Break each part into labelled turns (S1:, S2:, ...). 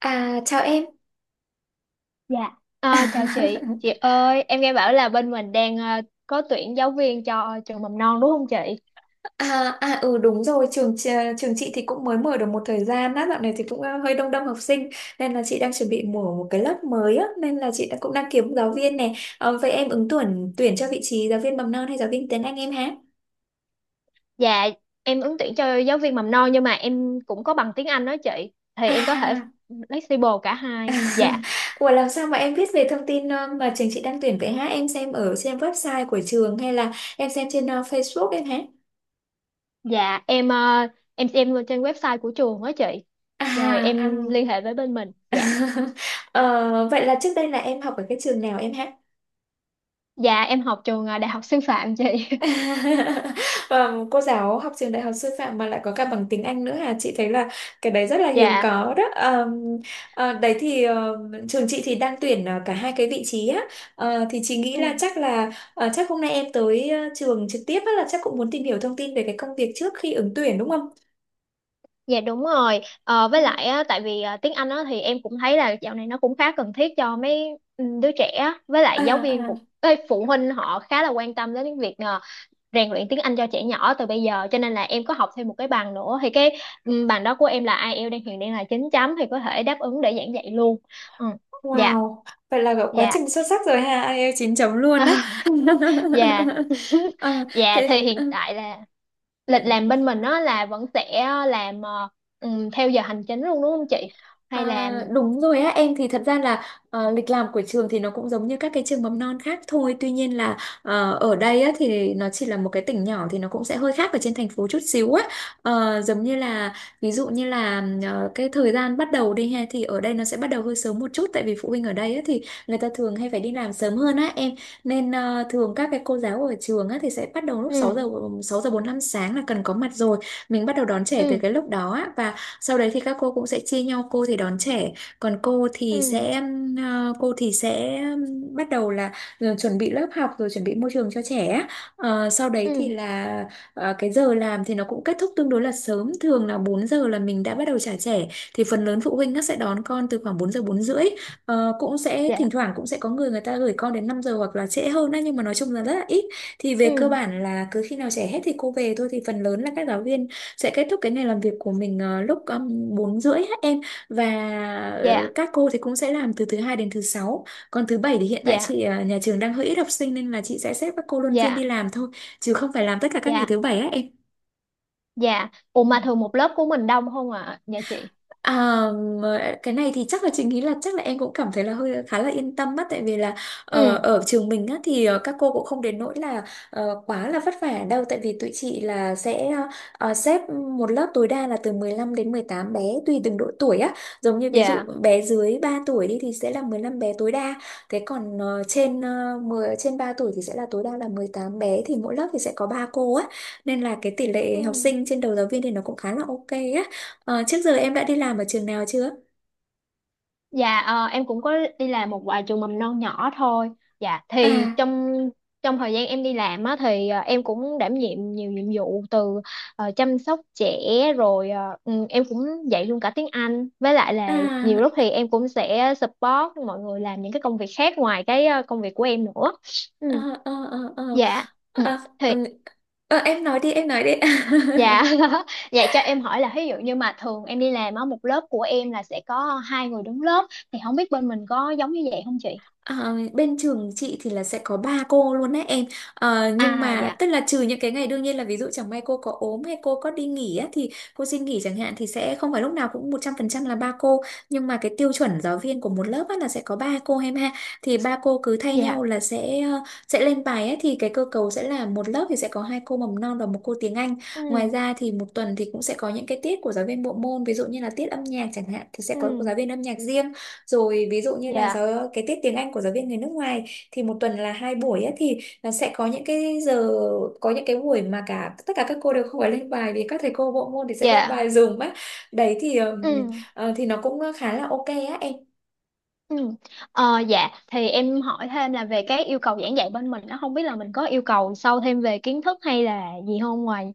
S1: À, chào em.
S2: Dạ. Chào chị. Chị ơi, em nghe bảo là bên mình đang có tuyển giáo viên cho trường mầm non, đúng không chị?
S1: À, ừ đúng rồi, trường chị thì cũng mới mở được một thời gian á, dạo này thì cũng hơi đông đông học sinh nên là chị đang chuẩn bị mở một cái lớp mới á, nên là cũng đang kiếm giáo viên
S2: Ừ.
S1: này. Ờ, vậy em ứng tuyển tuyển cho vị trí giáo viên mầm non hay giáo viên tiếng Anh em hả?
S2: Dạ, em ứng tuyển cho giáo viên mầm non, nhưng mà em cũng có bằng tiếng Anh đó chị. Thì em có thể
S1: À.
S2: flexible cả hai. Dạ,
S1: Ủa làm sao mà em biết về thông tin mà trường chị đang tuyển vậy hả? Em xem ở trên website của trường hay là em xem trên Facebook em hả?
S2: dạ em xem trên website của trường đó chị. Rồi
S1: À, à.
S2: em liên hệ với bên mình. Dạ,
S1: Ờ, vậy là trước đây là em học ở cái trường nào em hát?
S2: dạ em học trường Đại học Sư phạm chị.
S1: Và cô giáo học trường đại học sư phạm mà lại có cả bằng tiếng Anh nữa hả? Chị thấy là cái đấy rất là hiếm
S2: Dạ.
S1: có đó. Ờ, đấy thì ờ, Trường chị thì đang tuyển cả hai cái vị trí á. Ờ, thì chị nghĩ
S2: Ừ.
S1: là chắc hôm nay em tới trường trực tiếp á, là chắc cũng muốn tìm hiểu thông tin về cái công việc trước khi ứng tuyển đúng không?
S2: Dạ đúng rồi. Ờ, với
S1: Ừ.
S2: lại á, tại vì tiếng Anh á, thì em cũng thấy là dạo này nó cũng khá cần thiết cho mấy đứa trẻ á. Với lại
S1: À,
S2: giáo viên
S1: à.
S2: cũng, phụ huynh họ khá là quan tâm đến việc rèn luyện tiếng Anh cho trẻ nhỏ từ bây giờ, cho nên là em có học thêm một cái bằng nữa. Thì cái bằng đó của em là IELTS, hiện đang là 9 chấm, thì có thể đáp ứng để giảng dạy luôn. Ừ. Dạ,
S1: Wow, vậy là cậu quá
S2: dạ.
S1: trình xuất sắc rồi ha, ai IELTS 9 chấm luôn á.
S2: Dạ.
S1: Ờ,
S2: Dạ thì
S1: thế
S2: hiện tại là lịch làm
S1: ừ.
S2: bên mình á là vẫn sẽ làm theo giờ hành chính luôn, đúng không chị? Hay là.
S1: À, đúng rồi á em, thì thật ra là lịch làm của trường thì nó cũng giống như các cái trường mầm non khác thôi, tuy nhiên là ở đây á, thì nó chỉ là một cái tỉnh nhỏ thì nó cũng sẽ hơi khác ở trên thành phố chút xíu á. Ờ, giống như là ví dụ như là cái thời gian bắt đầu đi ha thì ở đây nó sẽ bắt đầu hơi sớm một chút, tại vì phụ huynh ở đây á, thì người ta thường hay phải đi làm sớm hơn á em, nên thường các cái cô giáo ở trường á, thì sẽ bắt đầu lúc
S2: Ừ.
S1: 6 giờ 45 sáng là cần có mặt rồi, mình bắt đầu đón trẻ từ
S2: Ừ.
S1: cái lúc đó á, và sau đấy thì các cô cũng sẽ chia nhau, cô thì đón trẻ còn cô thì
S2: Ừ.
S1: sẽ bắt đầu là chuẩn bị lớp học rồi chuẩn bị môi trường cho trẻ á. Ờ, sau đấy thì
S2: Ừ.
S1: là cái giờ làm thì nó cũng kết thúc tương đối là sớm, thường là 4 giờ là mình đã bắt đầu trả trẻ, thì phần lớn phụ huynh nó sẽ đón con từ khoảng 4 giờ 4 rưỡi. Ờ, cũng sẽ
S2: Dạ.
S1: thỉnh thoảng cũng sẽ có người người ta gửi con đến 5 giờ hoặc là trễ hơn á, nhưng mà nói chung là rất là ít, thì về cơ
S2: Ừ.
S1: bản là cứ khi nào trẻ hết thì cô về thôi, thì phần lớn là các giáo viên sẽ kết thúc cái ngày làm việc của mình lúc 4 rưỡi hết em. Và
S2: Dạ.
S1: các cô thì cũng sẽ làm từ thứ hai đến thứ sáu, còn thứ bảy thì hiện tại
S2: Dạ.
S1: nhà trường đang hơi ít học sinh nên là chị sẽ xếp các cô luân phiên đi
S2: Dạ.
S1: làm thôi, chứ không phải làm tất cả các ngày
S2: Dạ.
S1: thứ bảy á em.
S2: Dạ. Ủa mà thường một lớp của mình đông không ạ, à? Nhà chị.
S1: À, mà cái này thì chắc là chị nghĩ là chắc là em cũng cảm thấy là hơi khá là yên tâm á, tại vì là
S2: Ừ.
S1: ở trường mình á thì các cô cũng không đến nỗi là quá là vất vả đâu, tại vì tụi chị là sẽ xếp một lớp tối đa là từ 15 đến 18 bé, tùy từng độ tuổi á. Giống như ví dụ
S2: Dạ.
S1: bé dưới 3 tuổi đi thì sẽ là 15 bé tối đa, thế còn trên 10 trên 3 tuổi thì sẽ là tối đa là 18 bé, thì mỗi lớp thì sẽ có 3 cô á, nên là cái tỷ
S2: Ừ.
S1: lệ học sinh trên đầu giáo viên thì nó cũng khá là ok á. Ờ, trước giờ em đã đi làm ở trường nào chưa?
S2: Dạ em cũng có đi làm một vài trường mầm non nhỏ thôi. Dạ thì
S1: À,
S2: trong trong thời gian em đi làm á thì em cũng đảm nhiệm nhiều nhiệm vụ, từ chăm sóc trẻ, rồi em cũng dạy luôn cả tiếng Anh. Với lại là nhiều
S1: à,
S2: lúc thì em cũng sẽ support mọi người làm những cái công việc khác ngoài cái công việc của em nữa. Ừ,
S1: ờ, ờ, ờ, ờ.
S2: dạ. Ừ,
S1: À,
S2: thì
S1: ừ. Ờ, em nói đi, em nói đi.
S2: dạ. Dạ cho em hỏi là ví dụ như mà thường em đi làm á, một lớp của em là sẽ có hai người đứng lớp, thì không biết bên mình có giống như vậy không chị?
S1: Ờ, bên trường chị thì là sẽ có ba cô luôn đấy em. Ờ, nhưng
S2: À
S1: mà
S2: dạ.
S1: tức là trừ những cái ngày đương nhiên là, ví dụ chẳng may cô có ốm hay cô có đi nghỉ á, thì cô xin nghỉ chẳng hạn, thì sẽ không phải lúc nào cũng 100% là ba cô, nhưng mà cái tiêu chuẩn giáo viên của một lớp á, là sẽ có ba cô em ha. Thì ba cô cứ thay nhau
S2: Dạ.
S1: là sẽ sẽ lên bài ấy, thì cái cơ cấu sẽ là một lớp thì sẽ có hai cô mầm non và một cô tiếng Anh. Ngoài
S2: Ừ.
S1: ra thì một tuần thì cũng sẽ có những cái tiết của giáo viên bộ môn, ví dụ như là tiết âm nhạc chẳng hạn thì sẽ có giáo
S2: Ừ.
S1: viên âm nhạc riêng, rồi ví dụ như là
S2: Dạ.
S1: cái tiết tiếng Anh của giáo viên người nước ngoài thì một tuần là hai buổi á, thì nó sẽ có những cái giờ, có những cái buổi mà cả tất cả các cô đều không phải lên bài vì các thầy cô bộ môn thì sẽ lên
S2: Dạ.
S1: bài dùm á. Đấy thì ừm,
S2: Ừ.
S1: thì nó cũng khá là ok á em.
S2: Ừ. Dạ, thì em hỏi thêm là về cái yêu cầu giảng dạy bên mình, nó không biết là mình có yêu cầu sâu thêm về kiến thức hay là gì không, ngoài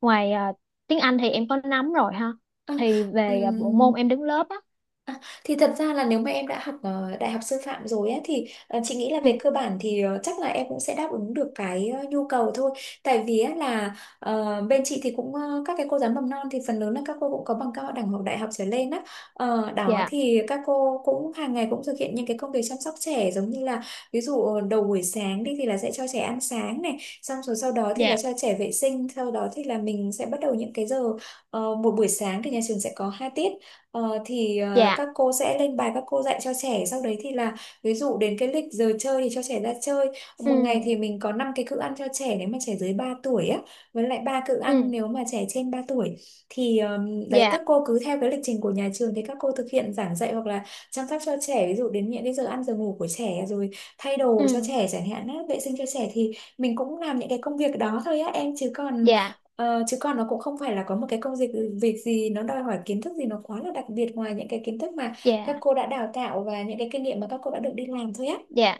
S2: ngoài ờ, tiếng Anh thì em có nắm rồi ha.
S1: Ờ,
S2: Thì về bộ
S1: ừm,
S2: môn em đứng lớp á.
S1: À, thì thật ra là nếu mà em đã học đại học sư phạm rồi á, thì chị nghĩ là
S2: Ừ.
S1: về cơ bản thì chắc là em cũng sẽ đáp ứng được cái nhu cầu thôi. Tại vì á, là bên chị thì cũng các cái cô giáo mầm non thì phần lớn là các cô cũng có bằng cao đẳng hoặc đại học trở lên á. Ờ, đó
S2: Dạ.
S1: thì các cô cũng hàng ngày cũng thực hiện những cái công việc chăm sóc trẻ, giống như là ví dụ đầu buổi sáng đi thì là sẽ cho trẻ ăn sáng này, xong rồi sau đó thì là
S2: Dạ.
S1: cho trẻ vệ sinh, sau đó thì là mình sẽ bắt đầu những cái giờ, một buổi sáng thì nhà trường sẽ có hai tiết. Ờ, thì
S2: Dạ.
S1: các cô sẽ lên bài, các cô dạy cho trẻ, sau đấy thì là ví dụ đến cái lịch giờ chơi thì cho trẻ ra chơi. Một
S2: Ừ.
S1: ngày thì mình có 5 cái cữ ăn cho trẻ nếu mà trẻ dưới 3 tuổi á, với lại ba cữ ăn
S2: Ừ.
S1: nếu mà trẻ trên 3 tuổi, thì đấy
S2: Dạ.
S1: các cô cứ theo cái lịch trình của nhà trường thì các cô thực hiện giảng dạy hoặc là chăm sóc cho trẻ, ví dụ đến những cái giờ ăn giờ ngủ của trẻ rồi thay đồ cho
S2: Ừ.
S1: trẻ chẳng hạn á, vệ sinh cho trẻ, thì mình cũng làm những cái công việc đó thôi á em, chứ còn
S2: Dạ.
S1: Ờ, chứ còn nó cũng không phải là có một cái công việc, gì nó đòi hỏi kiến thức gì nó quá là đặc biệt ngoài những cái kiến thức mà các
S2: Dạ.
S1: cô đã đào tạo và những cái kinh nghiệm mà các cô đã được đi làm thôi á.
S2: Dạ.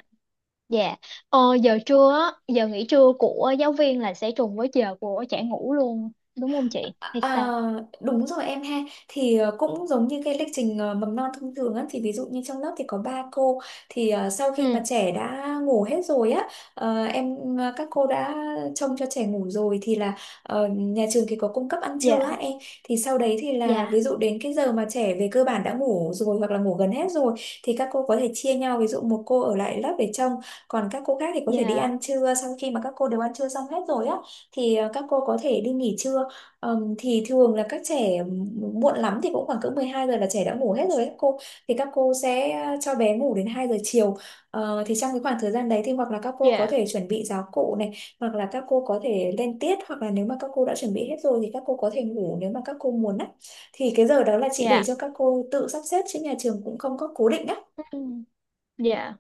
S2: Dạ. Giờ trưa á, giờ nghỉ trưa của giáo viên là sẽ trùng với giờ của trẻ ngủ luôn, đúng không chị? Hay
S1: À,
S2: sao?
S1: đúng rồi em ha, thì cũng giống như cái lịch trình mầm non thông thường á, thì ví dụ như trong lớp thì có ba cô, thì sau khi mà
S2: Ừ.
S1: trẻ đã ngủ hết rồi á, các cô đã trông cho trẻ ngủ rồi thì là nhà trường thì có cung cấp ăn trưa á
S2: Dạ.
S1: em, thì sau đấy thì là
S2: Dạ.
S1: ví dụ đến cái giờ mà trẻ về cơ bản đã ngủ rồi hoặc là ngủ gần hết rồi, thì các cô có thể chia nhau, ví dụ một cô ở lại lớp để trông còn các cô khác thì có thể đi
S2: Dạ.
S1: ăn trưa, sau khi mà các cô đều ăn trưa xong hết rồi á thì các cô có thể đi nghỉ trưa. Thì thường là các trẻ muộn lắm thì cũng khoảng cỡ 12 giờ là trẻ đã ngủ hết rồi các cô, thì các cô sẽ cho bé ngủ đến 2 giờ chiều. Ờ, thì trong cái khoảng thời gian đấy thì hoặc là các cô có
S2: Dạ.
S1: thể chuẩn bị giáo cụ này, hoặc là các cô có thể lên tiết, hoặc là nếu mà các cô đã chuẩn bị hết rồi thì các cô có thể ngủ nếu mà các cô muốn á, thì cái giờ đó là chị để
S2: Dạ.
S1: cho các cô tự sắp xếp chứ nhà trường cũng không có cố định á
S2: Ừ. Dạ.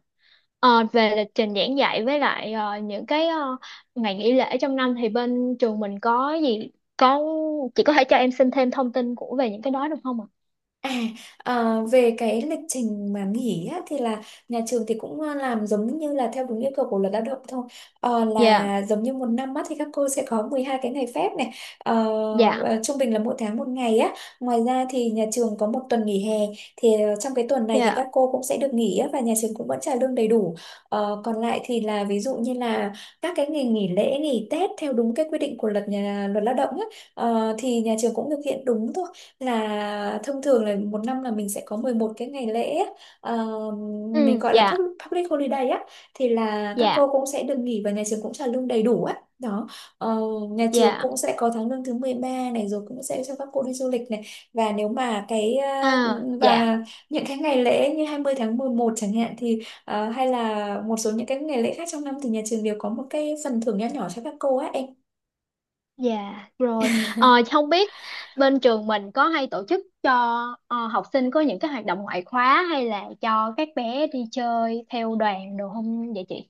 S2: Về lịch trình giảng dạy với lại những cái ngày nghỉ lễ trong năm thì bên trường mình có gì, có chị có thể cho em xin thêm thông tin của về những cái đó được không ạ?
S1: À, về cái lịch trình mà nghỉ á, thì là nhà trường thì cũng làm giống như là theo đúng yêu cầu của luật lao động thôi.
S2: Dạ.
S1: Là giống như một năm á, thì các cô sẽ có 12 cái ngày phép này. Ờ,
S2: Dạ.
S1: Trung bình là mỗi tháng một ngày á. Ngoài ra thì nhà trường có một tuần nghỉ hè, thì trong cái tuần này thì
S2: Dạ.
S1: các cô cũng sẽ được nghỉ á, và nhà trường cũng vẫn trả lương đầy đủ. Còn lại thì là ví dụ như là các cái ngày nghỉ lễ nghỉ Tết theo đúng cái quy định của luật lao động á, thì nhà trường cũng thực hiện đúng thôi, là thông thường là một năm là mình sẽ có 11 cái ngày lễ á. ờ, mình
S2: Ừ.
S1: gọi là
S2: Dạ.
S1: public holiday á, thì là các
S2: Dạ.
S1: cô cũng sẽ được nghỉ và nhà trường cũng trả lương đầy đủ á đó. Ờ, nhà trường
S2: Dạ.
S1: cũng sẽ có tháng lương thứ 13 này, rồi cũng sẽ cho các cô đi du lịch này, và nếu mà cái ờ,
S2: À, dạ.
S1: và những cái ngày lễ như 20 tháng 11 chẳng hạn thì hay là một số những cái ngày lễ khác trong năm thì nhà trường đều có một cái phần thưởng nho nhỏ cho các cô á em.
S2: Dạ rồi. Không biết bên trường mình có hay tổ chức cho học sinh có những cái hoạt động ngoại khóa, hay là cho các bé đi chơi theo đoàn đồ không vậy chị?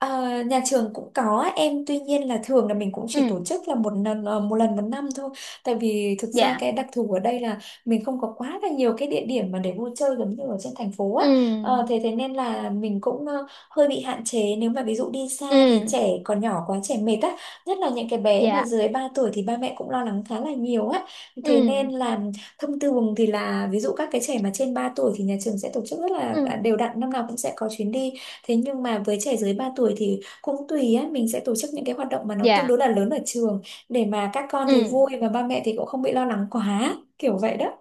S1: Ờ, nhà trường cũng có em, tuy nhiên là thường là mình cũng chỉ
S2: Ừ.
S1: tổ chức là một lần một năm thôi, tại vì thực ra
S2: Dạ.
S1: cái đặc thù ở đây là mình không có quá là nhiều cái địa điểm mà để vui chơi giống như ở trên thành phố á. Ờ,
S2: Ừ.
S1: thế thế nên là mình cũng hơi bị hạn chế, nếu mà ví dụ đi xa thì
S2: Ừ.
S1: trẻ còn nhỏ quá, trẻ mệt á, nhất là những cái bé mà
S2: Dạ.
S1: dưới 3 tuổi thì ba mẹ cũng lo lắng khá là nhiều á. Thế nên
S2: Ừ.
S1: là thông thường thì là ví dụ các cái trẻ mà trên 3 tuổi thì nhà trường sẽ tổ chức
S2: Ừ.
S1: đều đặn, năm nào cũng sẽ có chuyến đi. Thế nhưng mà với trẻ dưới 3 tuổi thì cũng tùy á, mình sẽ tổ chức những cái hoạt động mà nó tương
S2: Dạ.
S1: đối là lớn ở trường, để mà các con
S2: Ừ.
S1: thì vui và ba mẹ thì cũng không bị lo lắng quá, kiểu vậy đó.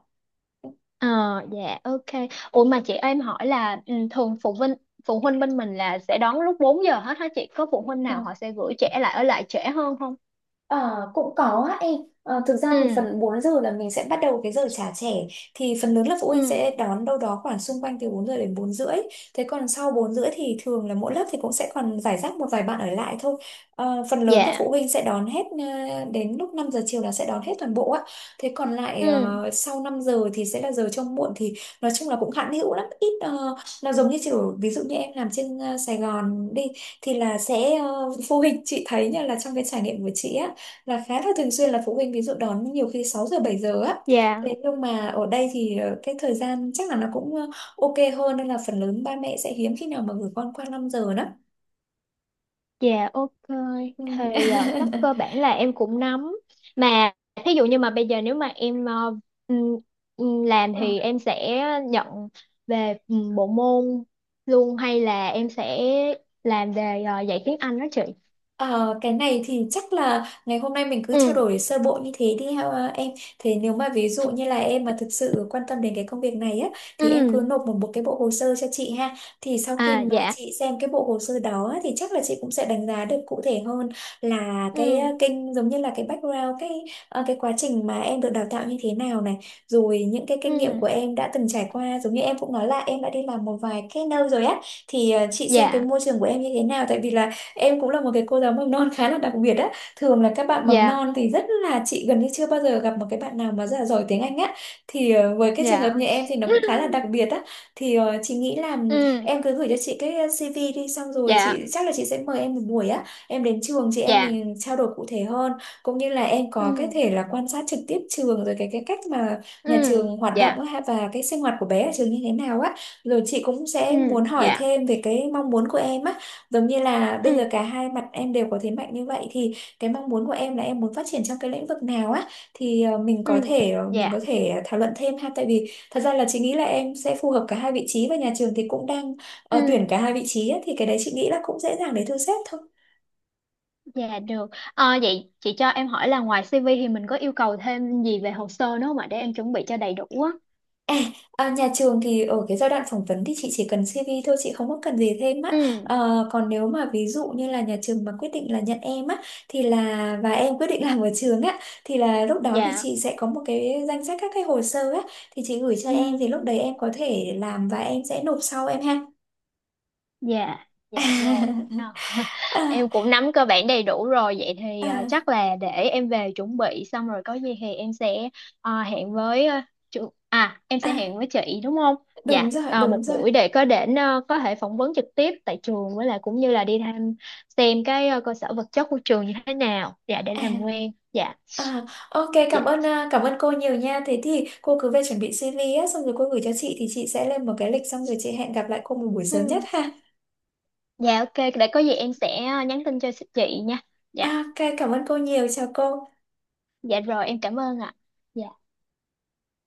S2: Ờ. Dạ, ok. Ủa mà chị, em hỏi là thường phụ huynh bên mình là sẽ đón lúc 4 giờ hết hả chị? Có phụ huynh nào họ sẽ gửi trẻ lại, ở lại trễ hơn không?
S1: Ờ, cũng có á em. Ờ, thực ra thì
S2: Ừ.
S1: phần 4 giờ là mình sẽ bắt đầu cái giờ trả trẻ, thì phần lớn là phụ
S2: Ừ.
S1: huynh sẽ đón đâu đó khoảng xung quanh từ 4 giờ đến 4 rưỡi. Thế còn sau 4 rưỡi thì thường là mỗi lớp thì cũng sẽ còn giải rác một vài bạn ở lại thôi. Ờ, phần lớn là
S2: Dạ.
S1: phụ huynh sẽ đón hết đến lúc 5 giờ chiều là sẽ đón hết toàn bộ á. Thế còn lại
S2: Ừ.
S1: sau 5 giờ thì sẽ là giờ trông muộn, thì nói chung là cũng hạn hữu lắm, nó giống như kiểu ví dụ như em làm trên Sài Gòn đi, thì là sẽ phụ huynh chị thấy nha, là trong cái trải nghiệm của chị á, là khá là thường xuyên là phụ huynh ví dụ đón nhiều khi 6 giờ 7 giờ á.
S2: Dạ.
S1: Thế nhưng mà ở đây thì cái thời gian chắc là nó cũng ok hơn, nên là phần lớn ba mẹ sẽ hiếm khi nào mà gửi con qua 5 giờ đó.
S2: Dạ, ok,
S1: Ừ.
S2: thì chắc cơ bản là em cũng nắm. Mà thí dụ như mà bây giờ, nếu mà em ừm, làm thì em sẽ nhận về bộ môn luôn, hay là em sẽ làm về dạy tiếng Anh đó chị?
S1: Ờ, cái này thì chắc là ngày hôm nay mình cứ trao
S2: Ừ.
S1: đổi sơ bộ như thế đi ha, em. Thế nếu mà ví dụ như là em mà thực sự quan tâm đến cái công việc này á, thì em cứ
S2: Ừ.
S1: nộp một cái bộ hồ sơ cho chị ha. Thì sau khi
S2: À
S1: mà
S2: dạ.
S1: chị xem cái bộ hồ sơ đó á, thì chắc là chị cũng sẽ đánh giá được cụ thể hơn là cái ờ,
S2: Ừ.
S1: kinh giống như là cái background, cái quá trình mà em được đào tạo như thế nào này, rồi những cái kinh nghiệm của
S2: Ừ.
S1: em đã từng trải qua, giống như em cũng nói là em đã đi làm một vài cái nơi rồi á. Thì chị xem cái
S2: Dạ.
S1: môi trường của em như thế nào, tại vì là em cũng là một cái cô giáo mầm non khá là đặc biệt á. Thường là các bạn mầm
S2: Dạ.
S1: non thì rất là chị gần như chưa bao giờ gặp một cái bạn nào mà rất là giỏi tiếng Anh á. Thì với cái trường hợp
S2: Dạ.
S1: như em thì nó cũng khá là đặc biệt á. Thì chị nghĩ là
S2: Ừ.
S1: em cứ gửi cho chị cái CV đi, xong rồi chị
S2: Dạ.
S1: chắc là chị sẽ mời em một buổi á. Em đến trường chị, em
S2: Dạ.
S1: mình trao đổi cụ thể hơn, cũng như là em
S2: Ừ.
S1: có cái thể là quan sát trực tiếp trường, rồi cái cách mà nhà
S2: Ừ.
S1: trường hoạt động
S2: Dạ.
S1: á, và cái sinh hoạt của bé ở trường như thế nào á. Rồi chị cũng
S2: Ừ.
S1: sẽ muốn hỏi
S2: Dạ.
S1: thêm về cái mong muốn của em á, giống như là bây giờ
S2: Ừ.
S1: cả hai mặt em đều có thế mạnh như vậy, thì cái mong muốn của em là em muốn phát triển trong cái lĩnh vực nào á, thì
S2: Ừ.
S1: mình có
S2: Dạ.
S1: thể thảo luận thêm ha, tại vì thật ra là chị nghĩ là em sẽ phù hợp cả hai vị trí, và nhà trường thì cũng đang
S2: Ừ.
S1: tuyển cả hai vị trí á, thì cái đấy chị nghĩ là cũng dễ dàng để thu xếp thôi.
S2: Dạ được. Ờ, Vậy chị cho em hỏi là ngoài CV thì mình có yêu cầu thêm gì về hồ sơ nữa không ạ, để em chuẩn bị cho đầy đủ á.
S1: À, nhà trường thì ở cái giai đoạn phỏng vấn thì chị chỉ cần CV thôi, chị không có cần gì thêm á.
S2: Ừ,
S1: Ờ, còn nếu mà ví dụ như là nhà trường mà quyết định là nhận em á, thì là và em quyết định làm ở trường á, thì là lúc đó thì
S2: dạ.
S1: chị sẽ có một cái danh sách các cái hồ sơ á, thì chị gửi cho
S2: Ừ.
S1: em, thì lúc đấy em có thể làm và em sẽ nộp sau em ha.
S2: Dạ, dạ rồi. À,
S1: à,
S2: em cũng nắm cơ bản đầy đủ rồi. Vậy thì
S1: à,
S2: chắc là để em về chuẩn bị, xong rồi có gì thì em sẽ hẹn với à, chú à em
S1: à,
S2: sẽ hẹn với chị, đúng không?
S1: Đúng
S2: Dạ,
S1: rồi,
S2: một
S1: đúng rồi.
S2: buổi để có thể phỏng vấn trực tiếp tại trường, với lại cũng như là đi thăm xem cái cơ sở vật chất của trường như thế nào. Dạ, để làm
S1: À.
S2: quen. Dạ,
S1: À, ok,
S2: dạ.
S1: cảm ơn cảm ơn cô nhiều nha. Thế thì cô cứ về chuẩn bị CV á, xong rồi cô gửi cho chị, thì chị sẽ lên một cái lịch, xong rồi chị hẹn gặp lại cô một buổi sớm nhất
S2: Ừ.
S1: ha.
S2: Dạ ok, để có gì em sẽ nhắn tin cho chị nha.
S1: À,
S2: Dạ,
S1: ok, cảm ơn cô nhiều, chào cô.
S2: dạ rồi em cảm ơn ạ. Dạ.